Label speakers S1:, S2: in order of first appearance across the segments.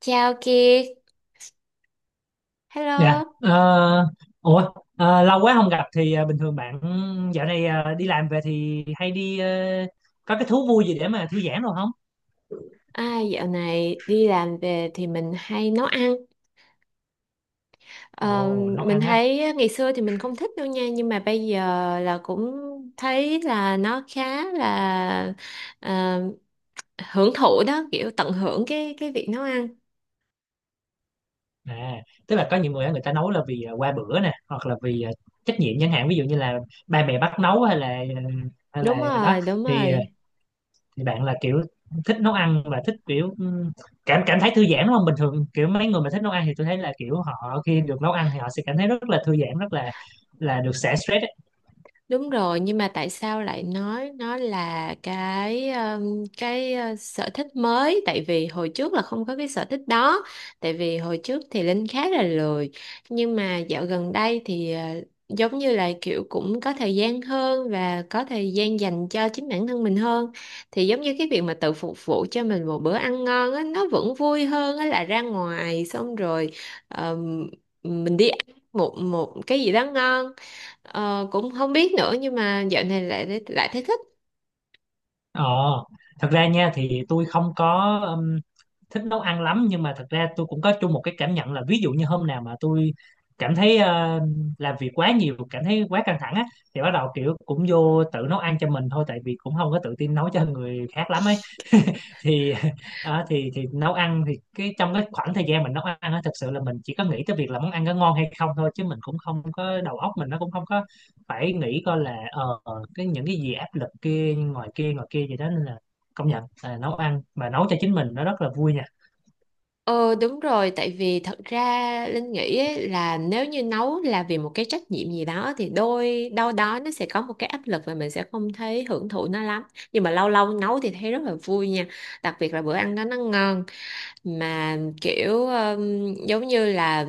S1: Chào Kiệt,
S2: Dạ.
S1: hello.
S2: Ờ, ủa lâu quá không gặp thì bình thường bạn dạo này đi làm về thì hay đi có cái thú vui gì để mà thư giãn rồi không?
S1: À, dạo này đi làm về thì mình hay nấu ăn. Ờ,
S2: Ồ, nấu
S1: mình
S2: ăn á.
S1: thấy ngày xưa thì mình không thích đâu nha, nhưng mà bây giờ là cũng thấy là nó khá là ờ, hưởng thụ đó, kiểu tận hưởng cái việc nấu ăn.
S2: À, tức là có nhiều người á, người ta nấu là vì qua bữa nè, hoặc là vì trách nhiệm, chẳng hạn ví dụ như là ba mẹ bắt nấu hay là ờ, hay là
S1: Đúng
S2: đó.
S1: rồi, đúng
S2: Thì
S1: rồi.
S2: thì bạn là kiểu thích nấu ăn và thích kiểu, cảm cảm thấy thư giãn đúng không? Bình thường kiểu mấy người mà thích nấu ăn thì tôi thấy là kiểu họ khi được nấu ăn thì họ sẽ cảm thấy rất là thư giãn, rất là được xả stress.
S1: Đúng rồi, nhưng mà tại sao lại nói nó là cái sở thích mới? Tại vì hồi trước là không có cái sở thích đó. Tại vì hồi trước thì Linh khá là lười, nhưng mà dạo gần đây thì giống như là kiểu cũng có thời gian hơn và có thời gian dành cho chính bản thân mình hơn. Thì giống như cái việc mà tự phục vụ cho mình một bữa ăn ngon á, nó vẫn vui hơn á là ra ngoài xong rồi um, mình đi ăn một một cái gì đó ngon. Cũng không biết nữa nhưng mà dạo này lại lại thấy thích.
S2: Ờ, thật ra nha, thì tôi không có thích nấu ăn lắm, nhưng mà thật ra tôi cũng có chung một cái cảm nhận là ví dụ như hôm nào mà tôi cảm thấy làm việc quá nhiều, cảm thấy quá căng thẳng á, thì bắt đầu kiểu cũng vô tự nấu ăn cho mình thôi, tại vì cũng không có tự tin nấu cho người khác lắm ấy thì à, thì nấu ăn, thì cái trong cái khoảng thời gian mình nấu ăn á, thực sự là mình chỉ có nghĩ tới việc là món ăn có ngon hay không thôi, chứ mình cũng không có đầu óc, mình nó cũng không có phải nghĩ coi là cái những cái gì áp lực kia ngoài kia ngoài kia gì đó, nên là công nhận là nấu ăn mà nấu cho chính mình nó rất là vui nha.
S1: Ờ đúng rồi, tại vì thật ra Linh nghĩ ấy, là nếu như nấu là vì một cái trách nhiệm gì đó thì đôi đâu đó nó sẽ có một cái áp lực và mình sẽ không thấy hưởng thụ nó lắm. Nhưng mà lâu lâu nấu thì thấy rất là vui nha. Đặc biệt là bữa ăn đó nó ngon. Mà kiểu giống như là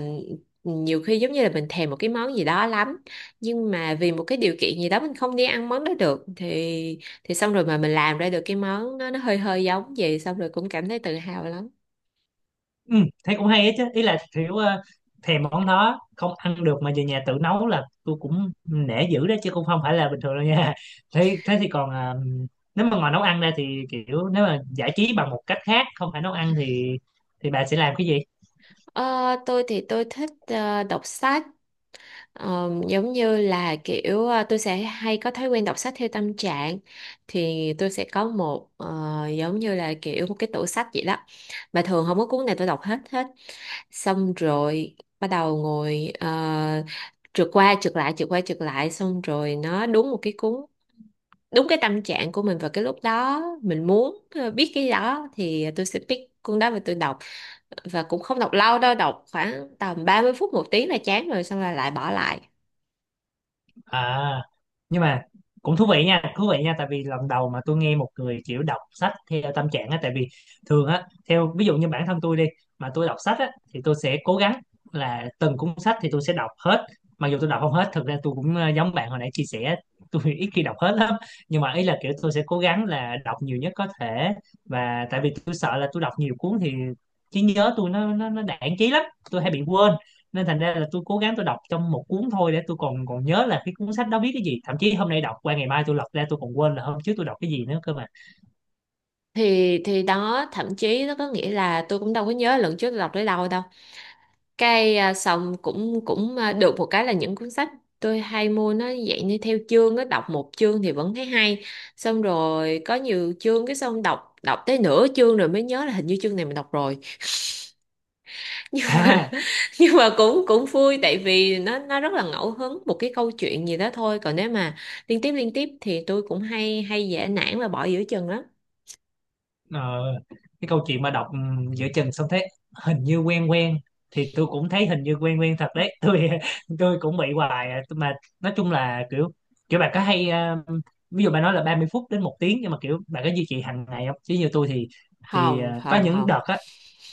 S1: nhiều khi giống như là mình thèm một cái món gì đó lắm, nhưng mà vì một cái điều kiện gì đó mình không đi ăn món đó được, thì xong rồi mà mình làm ra được cái món nó hơi hơi giống vậy, xong rồi cũng cảm thấy tự hào lắm.
S2: Ừ, thế cũng hay ấy chứ, ý là kiểu thèm món đó không ăn được mà về nhà tự nấu, là tôi cũng nể dữ đó chứ, cũng không phải là bình thường đâu nha. thế thế thì còn à, nếu mà ngoài nấu ăn ra thì kiểu nếu mà giải trí bằng một cách khác không phải nấu ăn thì bà sẽ làm cái gì?
S1: Ờ, tôi thì tôi thích đọc sách. Giống như là kiểu tôi sẽ hay có thói quen đọc sách theo tâm trạng. Thì tôi sẽ có một giống như là kiểu một cái tủ sách vậy đó, mà thường không có cuốn nào tôi đọc hết hết. Xong rồi bắt đầu ngồi trượt qua trượt lại trượt qua trượt lại, xong rồi nó đúng một cái cuốn đúng cái tâm trạng của mình vào cái lúc đó mình muốn biết cái đó, thì tôi sẽ pick cuốn đó và tôi đọc. Và cũng không đọc lâu đâu, đọc khoảng tầm 30 phút một tiếng là chán rồi, xong là lại bỏ lại.
S2: À, nhưng mà cũng thú vị nha, thú vị nha, tại vì lần đầu mà tôi nghe một người kiểu đọc sách theo tâm trạng á. Tại vì thường á, theo ví dụ như bản thân tôi đi, mà tôi đọc sách á thì tôi sẽ cố gắng là từng cuốn sách thì tôi sẽ đọc hết. Mặc dù tôi đọc không hết, thực ra tôi cũng giống bạn hồi nãy chia sẻ, tôi ít khi đọc hết lắm. Nhưng mà ý là kiểu tôi sẽ cố gắng là đọc nhiều nhất có thể, và tại vì tôi sợ là tôi đọc nhiều cuốn thì trí nhớ tôi nó đãng trí lắm, tôi hay bị quên, nên thành ra là tôi cố gắng tôi đọc trong một cuốn thôi để tôi còn còn nhớ là cái cuốn sách đó viết cái gì. Thậm chí hôm nay đọc qua ngày mai tôi lật ra tôi còn quên là hôm trước tôi đọc cái gì nữa cơ mà.
S1: Thì đó, thậm chí nó có nghĩa là tôi cũng đâu có nhớ lần trước tôi đọc tới đâu đâu. Cái xong cũng cũng à, được một cái là những cuốn sách tôi hay mua nó dạng như theo chương á, đọc một chương thì vẫn thấy hay. Xong rồi có nhiều chương cái xong đọc đọc tới nửa chương rồi mới nhớ là hình như chương này mình đọc rồi. nhưng mà
S2: à,
S1: nhưng mà cũng cũng vui tại vì nó rất là ngẫu hứng một cái câu chuyện gì đó thôi, còn nếu mà liên tiếp thì tôi cũng hay hay dễ nản và bỏ giữa chừng lắm.
S2: ờ, cái câu chuyện mà đọc, ừ, giữa chừng xong thấy hình như quen quen, thì tôi cũng thấy hình như quen quen thật đấy. Tôi cũng bị hoài à. Mà nói chung là kiểu kiểu bạn có hay à, ví dụ bạn nói là 30 phút đến một tiếng, nhưng mà kiểu bạn có duy trì hàng ngày không? Chứ như tôi thì
S1: Không
S2: có
S1: không
S2: những
S1: không.
S2: đợt á.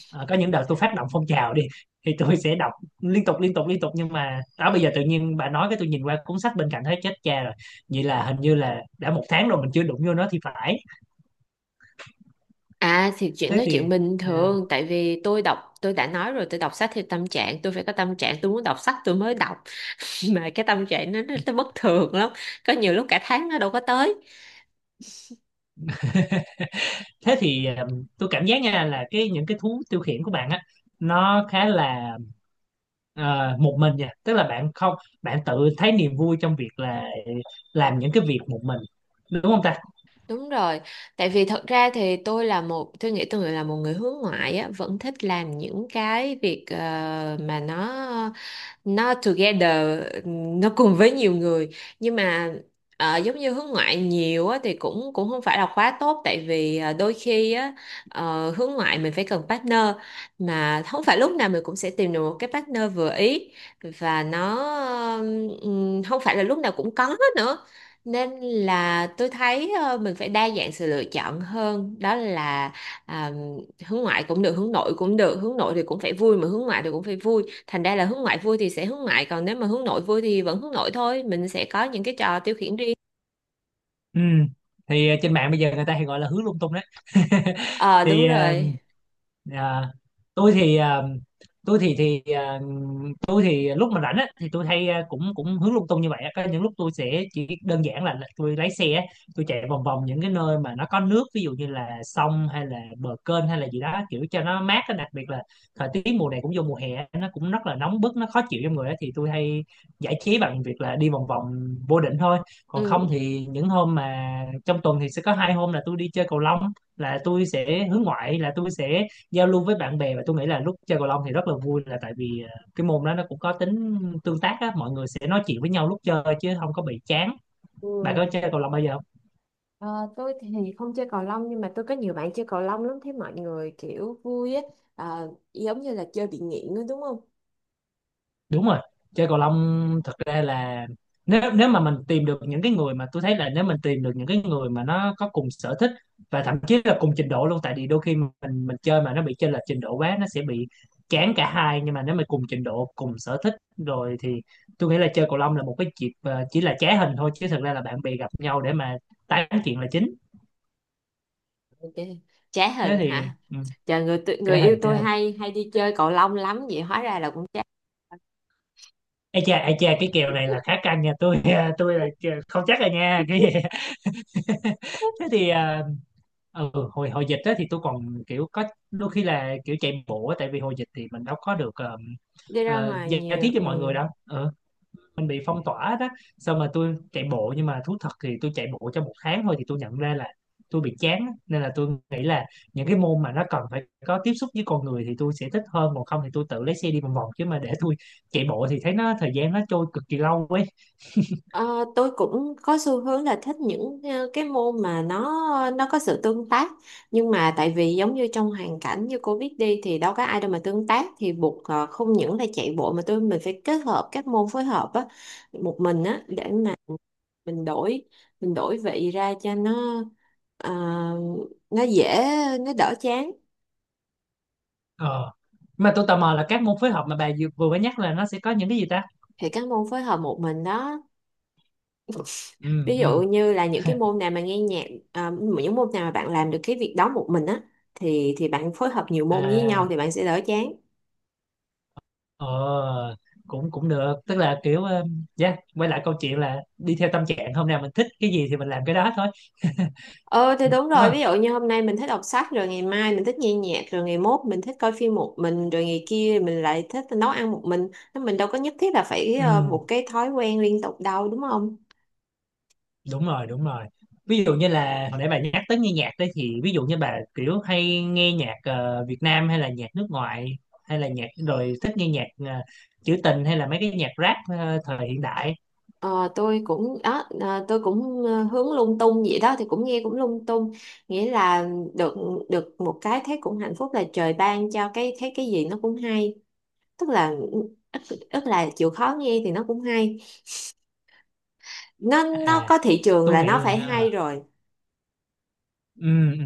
S2: Ờ, có những đợt tôi phát động phong trào đi thì tôi sẽ đọc liên tục liên tục liên tục, nhưng mà đó, bây giờ tự nhiên bà nói cái tôi nhìn qua cuốn sách bên cạnh thấy chết cha rồi, vậy là hình như là đã một tháng rồi mình chưa đụng vô nó thì phải.
S1: À thì chuyện
S2: thế
S1: đó
S2: thì
S1: chuyện bình
S2: à,
S1: thường, tại vì tôi đọc, tôi đã nói rồi, tôi đọc sách theo tâm trạng, tôi phải có tâm trạng tôi muốn đọc sách tôi mới đọc. Mà cái tâm trạng nó bất thường lắm, có nhiều lúc cả tháng nó đâu có tới.
S2: thế thì à, tôi cảm giác nha là cái những cái thú tiêu khiển của bạn á, nó khá là một mình nha. Tức là bạn không, bạn tự thấy niềm vui trong việc là làm những cái việc một mình, đúng không ta?
S1: Đúng rồi, tại vì thật ra thì tôi nghĩ tôi là một người hướng ngoại á, vẫn thích làm những cái việc mà nó together, nó cùng với nhiều người. Nhưng mà giống như hướng ngoại nhiều á, thì cũng cũng không phải là quá tốt, tại vì đôi khi á, hướng ngoại mình phải cần partner, mà không phải lúc nào mình cũng sẽ tìm được một cái partner vừa ý, và nó không phải là lúc nào cũng có nữa. Nên là tôi thấy mình phải đa dạng sự lựa chọn hơn, đó là à, hướng ngoại cũng được hướng nội cũng được, hướng nội thì cũng phải vui mà hướng ngoại thì cũng phải vui. Thành ra là hướng ngoại vui thì sẽ hướng ngoại, còn nếu mà hướng nội vui thì vẫn hướng nội thôi, mình sẽ có những cái trò tiêu khiển riêng.
S2: Ừ. Thì trên mạng bây giờ người ta hay gọi là hướng lung tung đấy.
S1: Ờ
S2: thì
S1: đúng
S2: à,
S1: rồi.
S2: À, tôi thì à, tôi thì thì à, tôi thì lúc mà rảnh á thì tôi hay cũng cũng hướng lung tung như vậy á. Có những lúc tôi sẽ chỉ đơn giản là, tôi lái xe á, tôi chạy vòng vòng những cái nơi mà nó có nước, ví dụ như là sông hay là bờ kênh hay là gì đó kiểu cho nó mát á. Đặc biệt là thời tiết mùa này cũng vô mùa hè á, nó cũng rất là nóng bức, nó khó chịu trong người á, thì tôi hay giải trí bằng việc là đi vòng vòng vô định thôi. Còn không
S1: Ừ.
S2: thì những hôm mà trong tuần thì sẽ có hai hôm là tôi đi chơi cầu lông, là tôi sẽ hướng ngoại, là tôi sẽ giao lưu với bạn bè. Và tôi nghĩ là lúc chơi cầu lông thì rất là vui, là tại vì cái môn đó nó cũng có tính tương tác á, mọi người sẽ nói chuyện với nhau lúc chơi chứ không có bị chán.
S1: Ừ.
S2: Bạn có chơi cầu lông bao giờ không?
S1: Ờ, tôi thì không chơi cầu lông nhưng mà tôi có nhiều bạn chơi cầu lông lắm, thấy mọi người kiểu vui á. Giống như là chơi bị nghiện đó, đúng không?
S2: Đúng rồi, chơi cầu lông thật ra là nếu nếu mà mình tìm được những cái người, mà tôi thấy là nếu mình tìm được những cái người mà nó có cùng sở thích và thậm chí là cùng trình độ luôn, tại vì đôi khi mình chơi mà nó bị chênh lệch trình độ quá nó sẽ bị chán cả hai. Nhưng mà nếu mà cùng trình độ, cùng sở thích rồi thì tôi nghĩ là chơi cầu lông là một cái dịp chỉ là trá hình thôi, chứ thật ra là bạn bè gặp nhau để mà tán chuyện là chính.
S1: Ok. Trá
S2: Thế
S1: hình
S2: thì,
S1: hả?
S2: ừ,
S1: Trời, người
S2: trá
S1: yêu
S2: hình, trá
S1: tôi
S2: hình.
S1: hay hay đi chơi cầu lông lắm, vậy hóa ra là cũng trá.
S2: Ê cha, cái kèo này là khá căng nha, tôi tôi là không chắc rồi nha, cái gì. thế thì à, ừ, hồi hồi dịch đó thì tôi còn kiểu có đôi khi là kiểu chạy bộ á, tại vì hồi dịch thì mình đâu có được
S1: Đi ra ngoài
S2: giao
S1: nhiều,
S2: tiếp với mọi người
S1: ừ.
S2: đâu, ừ, mình bị phong tỏa đó. Xong mà tôi chạy bộ, nhưng mà thú thật thì tôi chạy bộ trong một tháng thôi thì tôi nhận ra là tôi bị chán á. Nên là tôi nghĩ là những cái môn mà nó cần phải có tiếp xúc với con người thì tôi sẽ thích hơn, còn không thì tôi tự lấy xe đi vòng vòng, chứ mà để tôi chạy bộ thì thấy nó, thời gian nó trôi cực kỳ lâu ấy.
S1: Ờ, tôi cũng có xu hướng là thích những cái môn mà nó có sự tương tác. Nhưng mà tại vì giống như trong hoàn cảnh như cô biết đi thì đâu có ai đâu mà tương tác, thì buộc không những là chạy bộ mà mình phải kết hợp các môn phối hợp á, một mình á, để mà mình đổi mình đổi vị ra cho nó ờ, nó dễ, nó đỡ chán.
S2: ờ mà tôi tò mò là các môn phối hợp mà bà vừa vừa mới nhắc là nó sẽ có những cái gì ta.
S1: Thì các môn phối hợp một mình đó,
S2: Ừ
S1: ví dụ
S2: ừ,
S1: như là những cái môn nào mà nghe nhạc, à, những môn nào mà bạn làm được cái việc đó một mình á, thì bạn phối hợp nhiều môn với nhau
S2: à,
S1: thì bạn sẽ đỡ chán.
S2: ờ cũng cũng được, tức là kiểu dạ quay lại câu chuyện là đi theo tâm trạng, hôm nào mình thích cái gì thì mình làm cái đó thôi.
S1: Ờ thì
S2: Ừ,
S1: đúng
S2: đúng
S1: rồi,
S2: không.
S1: ví dụ như hôm nay mình thích đọc sách, rồi ngày mai mình thích nghe nhạc, rồi ngày mốt mình thích coi phim một mình, rồi ngày kia mình lại thích nấu ăn một mình. Nên mình đâu có nhất thiết là phải
S2: Ừ,
S1: một cái thói quen liên tục đâu, đúng không?
S2: đúng rồi, đúng rồi. Ví dụ như là hồi nãy bà nhắc tới nghe nhạc đấy, thì ví dụ như bà kiểu hay nghe nhạc Việt Nam hay là nhạc nước ngoài, hay là nhạc, rồi thích nghe nhạc ờ, trữ tình hay là mấy cái nhạc rap thời hiện đại?
S1: Ờ, tôi cũng hướng lung tung vậy đó, thì cũng nghe cũng lung tung, nghĩa là được được một cái thấy cũng hạnh phúc là trời ban cho, cái thấy cái gì nó cũng hay. Tức là tức là chịu khó nghe thì nó cũng hay, nó
S2: À,
S1: có thị trường
S2: tôi
S1: là nó
S2: nghĩ
S1: phải hay rồi.
S2: ừ, ừ.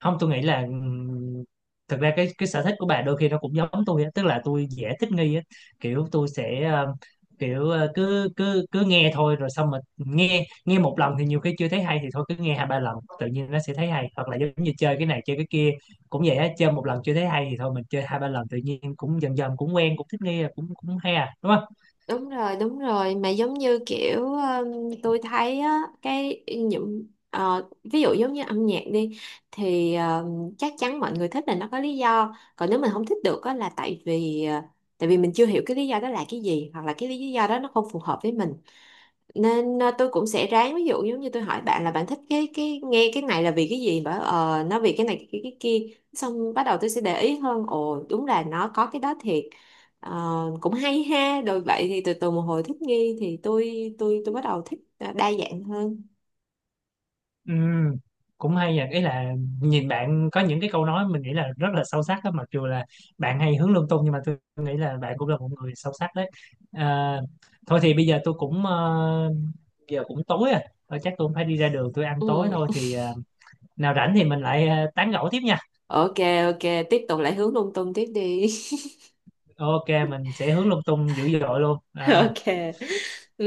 S2: Không, tôi nghĩ là thực ra cái sở thích của bà đôi khi nó cũng giống tôi á, tức là tôi dễ thích nghi á. Kiểu tôi sẽ kiểu cứ cứ cứ nghe thôi, rồi xong mình nghe nghe một lần thì nhiều khi chưa thấy hay, thì thôi cứ nghe hai ba lần tự nhiên nó sẽ thấy hay. Hoặc là giống như chơi cái này chơi cái kia cũng vậy á, chơi một lần chưa thấy hay thì thôi mình chơi hai ba lần tự nhiên cũng dần dần cũng quen, cũng thích nghi, cũng cũng hay à, đúng không?
S1: Đúng rồi, đúng rồi, mà giống như kiểu tôi thấy á cái những ví dụ giống như âm nhạc đi thì chắc chắn mọi người thích là nó có lý do, còn nếu mình không thích được á là tại vì tại vì mình chưa hiểu cái lý do đó là cái gì hoặc là cái lý do đó nó không phù hợp với mình. Nên tôi cũng sẽ ráng, ví dụ giống như tôi hỏi bạn là bạn thích cái nghe cái này là vì cái gì, bảo nó vì cái này cái kia, xong bắt đầu tôi sẽ để ý hơn, ồ đúng là nó có cái đó thiệt. Ờ, Cũng hay ha, rồi vậy thì từ từ một hồi thích nghi thì tôi bắt đầu thích đa dạng hơn.
S2: Ừ, cũng hay vậy, ý là nhìn bạn có những cái câu nói mình nghĩ là rất là sâu sắc đó, mặc dù là bạn hay hướng lung tung nhưng mà tôi nghĩ là bạn cũng là một người sâu sắc đấy. À, thôi thì bây giờ tôi cũng giờ cũng tối rồi. Thôi chắc tôi cũng phải đi ra đường tôi ăn tối
S1: Ừ.
S2: thôi, thì nào rảnh thì mình lại tán gẫu tiếp nha.
S1: Ok. Ok, tiếp tục lại hướng lung tung tiếp đi.
S2: Ok, mình sẽ hướng lung tung dữ dội luôn à,
S1: Ok.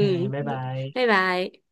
S2: ừ, bye bye.
S1: Bye bye.